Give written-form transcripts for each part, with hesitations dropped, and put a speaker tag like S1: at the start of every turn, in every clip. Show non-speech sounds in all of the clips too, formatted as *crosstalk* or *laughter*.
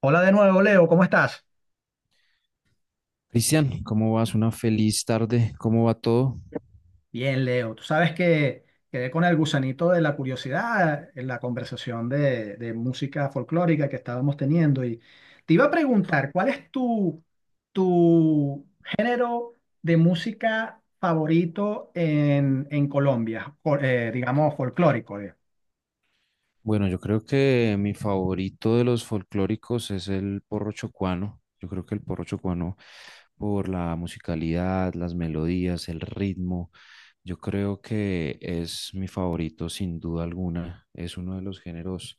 S1: Hola de nuevo, Leo, ¿cómo estás?
S2: Cristian, ¿cómo vas? Una feliz tarde. ¿Cómo va todo?
S1: Bien, Leo, tú sabes que quedé con el gusanito de la curiosidad en la conversación de música folclórica que estábamos teniendo y te iba a preguntar, ¿cuál es tu género de música favorito en Colombia? Digamos, folclórico.
S2: Bueno, yo creo que mi favorito de los folclóricos es el porro chocuano. Yo creo que el porro chocuano, por la musicalidad, las melodías, el ritmo, yo creo que es mi favorito sin duda alguna. Es uno de los géneros,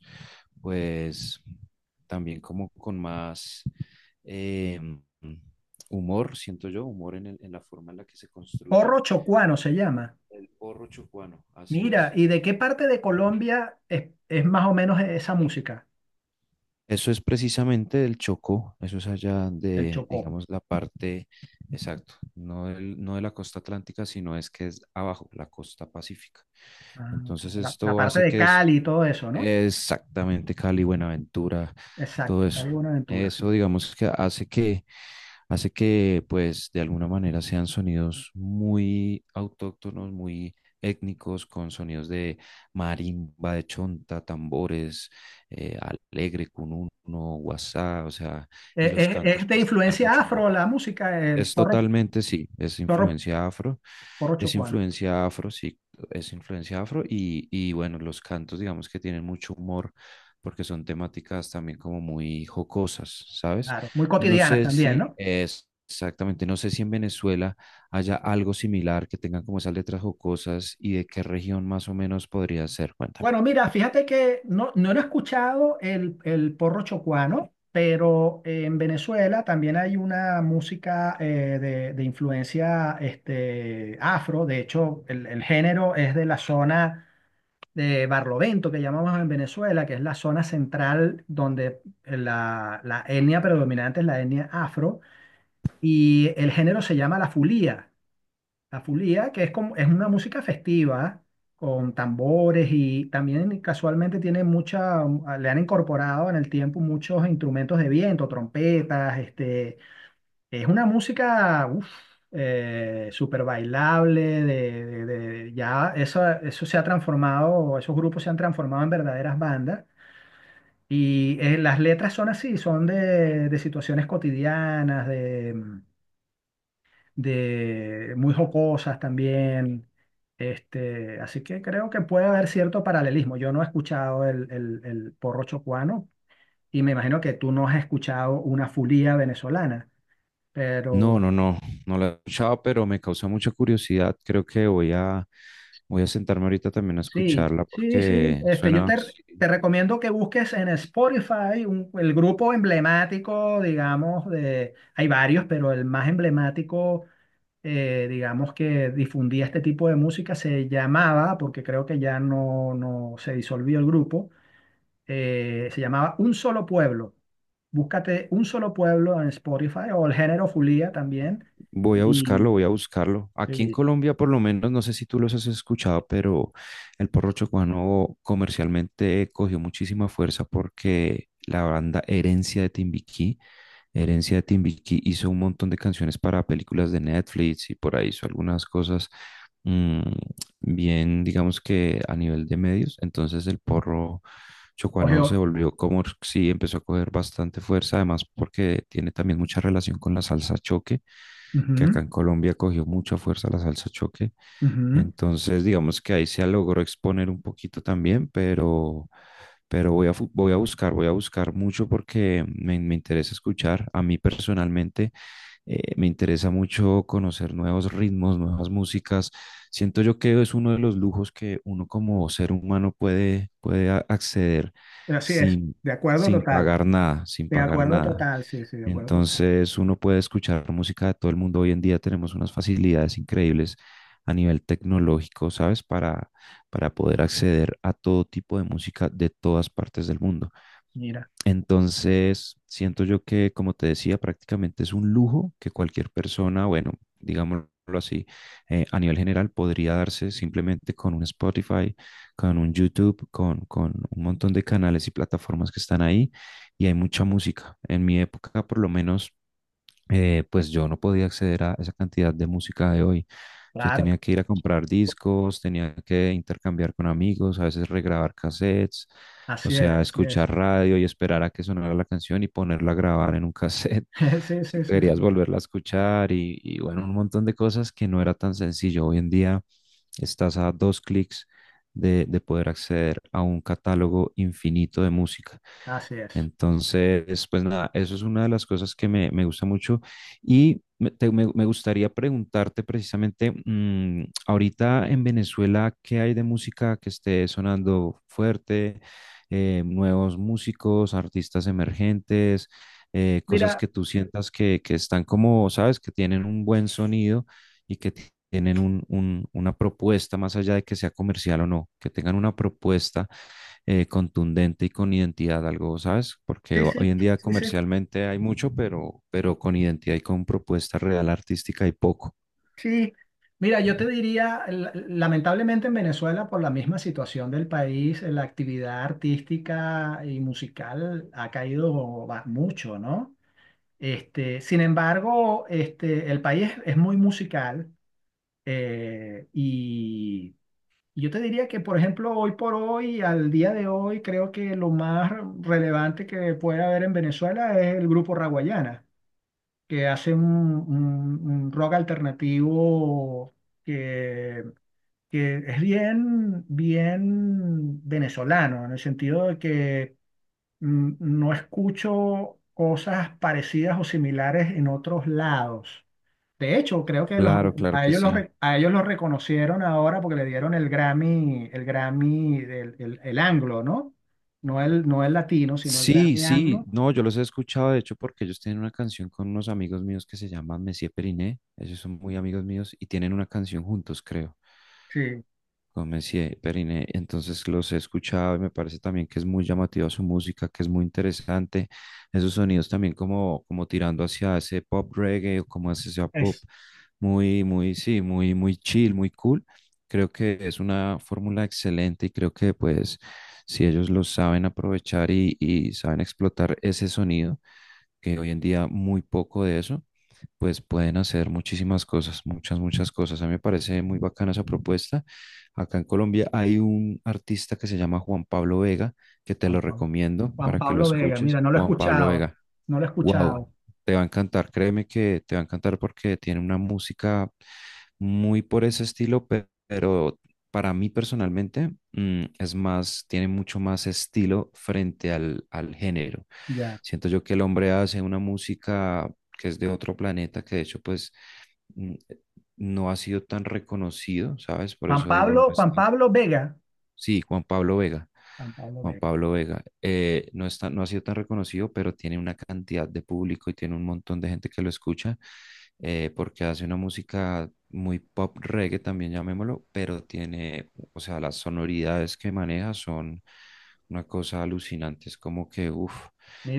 S2: pues, también como con más eh, humor, siento yo, humor en en la forma en la que se construye.
S1: Porro chocuano se llama.
S2: El porro chocuano, así
S1: Mira,
S2: es.
S1: ¿y de qué parte de Colombia es más o menos esa música?
S2: Eso es precisamente del Chocó, eso es allá
S1: El
S2: de,
S1: Chocó.
S2: digamos, la parte, exacto, no, no de la costa atlántica, sino es que es abajo, la costa pacífica.
S1: Ah, o sea,
S2: Entonces
S1: la
S2: esto
S1: parte
S2: hace
S1: de
S2: que es
S1: Cali y todo eso, ¿no?
S2: exactamente Cali, Buenaventura, todo
S1: Exacto,
S2: eso.
S1: Cali Buenaventura, sí.
S2: Eso, digamos, que hace que pues de alguna manera sean sonidos muy autóctonos, muy étnicos, con sonidos de marimba, de chonta, tambores, eh, alegre, cununo, guasá, o sea, y los
S1: Es
S2: cantos
S1: de
S2: pues dan
S1: influencia
S2: mucho humor.
S1: afro la música, el
S2: Es
S1: zorro,
S2: totalmente, sí,
S1: zorro
S2: es
S1: porochocuana.
S2: influencia afro, sí, es influencia afro y bueno, los cantos digamos que tienen mucho humor porque son temáticas también como muy jocosas, ¿sabes?
S1: Claro, muy
S2: No
S1: cotidianas
S2: sé
S1: también,
S2: si
S1: ¿no?
S2: es exactamente, no sé si en Venezuela haya algo similar que tengan como esas letras jocosas y de qué región más o menos podría ser, cuéntame.
S1: Bueno, mira, fíjate que no lo he escuchado el porro chocuano, pero en Venezuela también hay una música de influencia este, afro. De hecho, el género es de la zona de Barlovento, que llamamos en Venezuela, que es la zona central donde la etnia predominante es la etnia afro. Y el género se llama la fulía. La fulía, que es, como, es una música festiva, con tambores y también casualmente tiene mucha, le han incorporado en el tiempo muchos instrumentos de viento, trompetas, este, es una música, súper bailable, ya eso se ha transformado, esos grupos se han transformado en verdaderas bandas. Y las letras son así, son de situaciones cotidianas, de muy jocosas también. Este, así que creo que puede haber cierto paralelismo. Yo no he escuchado el porro chocuano y me imagino que tú no has escuchado una fulía venezolana,
S2: No,
S1: pero
S2: no, no, no la he escuchado, pero me causa mucha curiosidad. Creo que voy a sentarme ahorita también a
S1: sí,
S2: escucharla
S1: sí, sí.
S2: porque
S1: Este, yo
S2: suena, sí,
S1: te recomiendo que busques en Spotify el grupo emblemático, digamos, de, hay varios, pero el más emblemático, digamos, que difundía este tipo de música se llamaba, porque creo que ya no se disolvió el grupo, se llamaba Un Solo Pueblo. Búscate Un Solo Pueblo en Spotify o el género Fulía también.
S2: voy a buscarlo,
S1: Y,
S2: voy a buscarlo. Aquí en
S1: y-
S2: Colombia, por lo menos, no sé si tú los has escuchado, pero el porro chocuano comercialmente cogió muchísima fuerza porque la banda Herencia de Timbiquí hizo un montón de canciones para películas de Netflix y por ahí hizo algunas cosas mm, bien, digamos que a nivel de medios. Entonces el porro chocuano se
S1: Ojo,
S2: volvió como, sí, empezó a coger bastante fuerza, además porque tiene también mucha relación con la salsa choque que
S1: ujú,
S2: acá en Colombia cogió mucha fuerza la salsa choque.
S1: ujú.
S2: Entonces, digamos que ahí se logró exponer un poquito también, pero voy a buscar mucho porque me interesa escuchar. A mí personalmente me interesa mucho conocer nuevos ritmos, nuevas músicas. Siento yo que es uno de los lujos que uno como ser humano puede, puede acceder
S1: Así es,
S2: sin,
S1: de acuerdo
S2: sin
S1: total.
S2: pagar nada, sin
S1: De
S2: pagar
S1: acuerdo
S2: nada.
S1: total, sí, sí, de acuerdo total.
S2: Entonces uno puede escuchar música de todo el mundo. Hoy en día tenemos unas facilidades increíbles a nivel tecnológico, ¿sabes? Para poder acceder a todo tipo de música de todas partes del mundo.
S1: Mira,
S2: Entonces, siento yo que, como te decía, prácticamente es un lujo que cualquier persona, bueno, digámoslo así, a nivel general podría darse simplemente con un Spotify, con un YouTube, con un montón de canales y plataformas que están ahí y hay mucha música. En mi época, por lo menos, pues yo no podía acceder a esa cantidad de música de hoy. Yo
S1: claro,
S2: tenía que ir a comprar discos, tenía que intercambiar con amigos, a veces regrabar cassettes, o
S1: así es,
S2: sea,
S1: así es.
S2: escuchar radio y esperar a que sonara la canción y ponerla a grabar en un cassette *laughs*
S1: *laughs* Sí,
S2: si
S1: sí, sí,
S2: querías
S1: sí,
S2: volverla a escuchar y bueno, un montón de cosas que no era tan sencillo. Hoy en día estás a dos clics de poder acceder a un catálogo infinito de música.
S1: así es.
S2: Entonces, pues nada, eso es una de las cosas que me gusta mucho y me gustaría preguntarte precisamente, ahorita en Venezuela, ¿qué hay de música que esté sonando fuerte? Nuevos músicos, artistas emergentes, cosas
S1: Mira,
S2: que tú sientas que están como, sabes, que tienen un buen sonido y que tienen una propuesta más allá de que sea comercial o no, que tengan una propuesta contundente y con identidad, algo, ¿sabes? Porque
S1: sí, sí,
S2: hoy en día
S1: sí, sí,
S2: comercialmente hay mucho, pero con identidad y con propuesta real artística hay poco.
S1: sí. Mira, yo te diría, lamentablemente en Venezuela, por la misma situación del país, la actividad artística y musical ha caído mucho, ¿no? Este, sin embargo, este, el país es muy musical, eh, y yo te diría que, por ejemplo, hoy por hoy, al día de hoy, creo que lo más relevante que puede haber en Venezuela es el grupo Raguayana, que hace un rock alternativo que, que es bien, bien venezolano, en el sentido de que mm, no escucho cosas parecidas o similares en otros lados. De hecho, creo que
S2: Claro, claro
S1: a
S2: que
S1: ellos
S2: sí.
S1: a ellos los reconocieron ahora porque le dieron el Grammy, el Grammy, el anglo, ¿no? No no el latino, sino el
S2: Sí,
S1: Grammy
S2: sí,
S1: anglo.
S2: no, yo los he escuchado, de hecho, porque ellos tienen una canción con unos amigos míos que se llaman Messier Periné, ellos son muy amigos míos y tienen una canción juntos, creo.
S1: Sí,
S2: Con Messier, Periné. Entonces los he escuchado y me parece también que es muy llamativa su música, que es muy interesante. Esos sonidos también como, como tirando hacia ese pop reggae o como hacia ese pop
S1: es
S2: muy, muy, sí, muy, muy chill, muy cool. Creo que es una fórmula excelente y creo que pues si ellos lo saben aprovechar y saben explotar ese sonido, que hoy en día muy poco de eso pues pueden hacer muchísimas cosas, muchas, muchas cosas. A mí me parece muy bacana esa propuesta. Acá en Colombia hay un artista que se llama Juan Pablo Vega, que te
S1: Juan
S2: lo
S1: Pablo.
S2: recomiendo
S1: Juan
S2: para que lo
S1: Pablo Vega, mira,
S2: escuches.
S1: no lo he
S2: Juan Pablo
S1: escuchado,
S2: Vega,
S1: no lo he
S2: wow,
S1: escuchado.
S2: te va a encantar, créeme que te va a encantar porque tiene una música muy por ese estilo, pero para mí personalmente es más, tiene mucho más estilo frente al, al género.
S1: Ya.
S2: Siento yo que el hombre hace una música que es de otro planeta, que de hecho pues mm, no ha sido tan reconocido, ¿sabes? Por
S1: Juan
S2: eso digo, no
S1: Pablo,
S2: es
S1: Juan
S2: tan...
S1: Pablo Vega,
S2: Sí, Juan Pablo Vega.
S1: Juan Pablo
S2: Juan
S1: Vega,
S2: Pablo Vega, no está, no ha sido tan reconocido, pero tiene una cantidad de público y tiene un montón de gente que lo escucha porque hace una música muy pop reggae también llamémoslo, pero tiene, o sea, las sonoridades que maneja son una cosa alucinante, es como que, uff,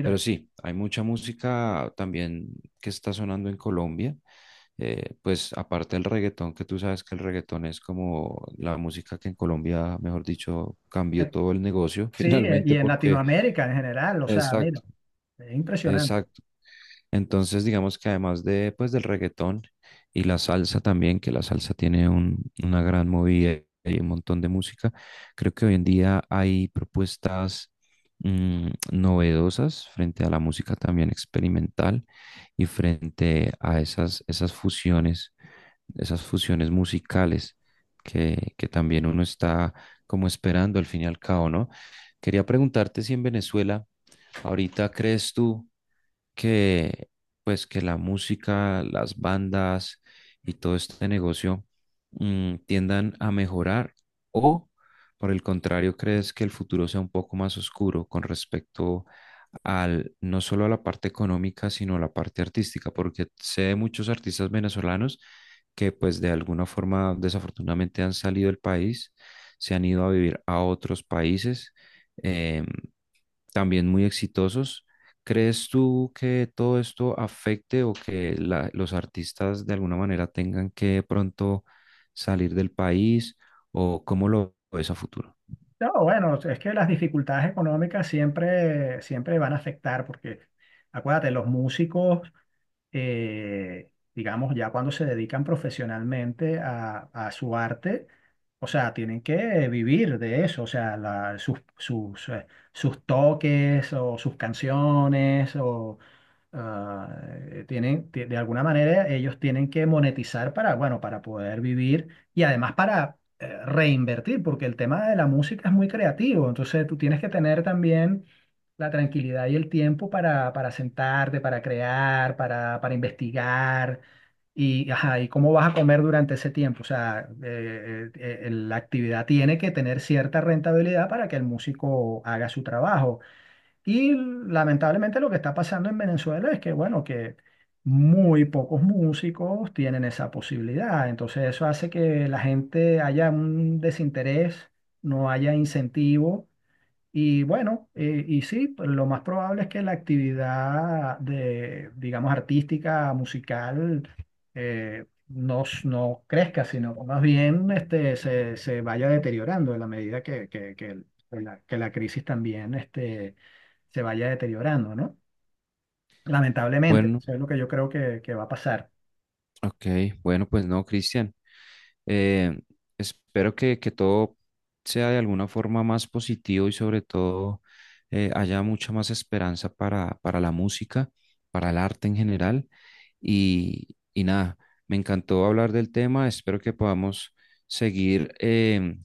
S2: pero sí, hay mucha música también que está sonando en Colombia, pues aparte del reggaetón, que tú sabes que el reggaetón es como la música que en Colombia, mejor dicho, cambió
S1: eh,
S2: todo el negocio *laughs*
S1: Sí,
S2: finalmente
S1: y en
S2: porque,
S1: Latinoamérica en general, o sea, mira,
S2: exacto.
S1: es impresionante.
S2: Exacto. Entonces, digamos que además de, pues, del reggaetón y la salsa también, que la salsa tiene una gran movida y un montón de música, creo que hoy en día hay propuestas novedosas frente a la música también experimental y frente a esas, esas fusiones musicales que también uno está como esperando al fin y al cabo, ¿no? Quería preguntarte si en Venezuela ahorita crees tú que pues que la música, las bandas y todo este negocio tiendan a mejorar o por el contrario, crees que el futuro sea un poco más oscuro con respecto al no solo a la parte económica, sino a la parte artística, porque sé de muchos artistas venezolanos que pues de alguna forma desafortunadamente han salido del país, se han ido a vivir a otros países em, también muy exitosos. ¿Crees tú que todo esto afecte o que los artistas de alguna manera tengan que pronto salir del país o cómo lo ves a futuro?
S1: No, bueno, es que las dificultades económicas siempre, siempre van a afectar, porque acuérdate, los músicos digamos, ya cuando se dedican profesionalmente a su arte, o sea, tienen que vivir de eso, o sea, sus, sus toques o sus canciones ah, tienen, de alguna manera ellos tienen que monetizar para, bueno, para poder vivir y además para reinvertir, porque el tema de la música es muy creativo, entonces tú tienes que tener también la tranquilidad y el tiempo para sentarte, para crear, para investigar. Y, ajá, ¿y cómo vas a comer durante ese tiempo? O sea, la actividad tiene que tener cierta rentabilidad para que el músico haga su trabajo. Y lamentablemente lo que está pasando en Venezuela es que, bueno, que muy pocos músicos tienen esa posibilidad. Entonces eso hace que la gente haya un desinterés, no haya incentivo y bueno, y sí, pues, lo más probable es que la actividad de, digamos, artística, musical, no crezca, sino más bien este, se vaya deteriorando en la medida que la crisis también este, se vaya deteriorando, ¿no? Lamentablemente,
S2: Bueno,
S1: eso es lo que yo creo que va a pasar.
S2: ok, bueno, pues no, Cristian. Eh, Espero que todo sea de alguna forma más positivo y sobre todo haya mucha más esperanza para la música, para el arte en general. Y nada, me encantó hablar del tema. Espero que podamos seguir em,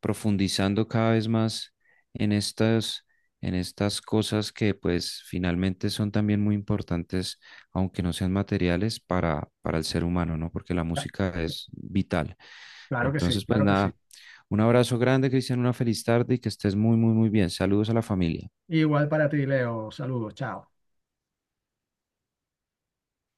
S2: profundizando cada vez más en estas, en estas cosas que pues finalmente son también muy importantes, aunque no sean materiales, para el ser humano, ¿no? Porque la música es vital.
S1: Claro que sí,
S2: Entonces, pues
S1: claro que sí.
S2: nada, un abrazo grande, Cristian, una feliz tarde y que estés muy, muy, muy bien. Saludos a la familia.
S1: Igual para ti, Leo. Saludos, chao.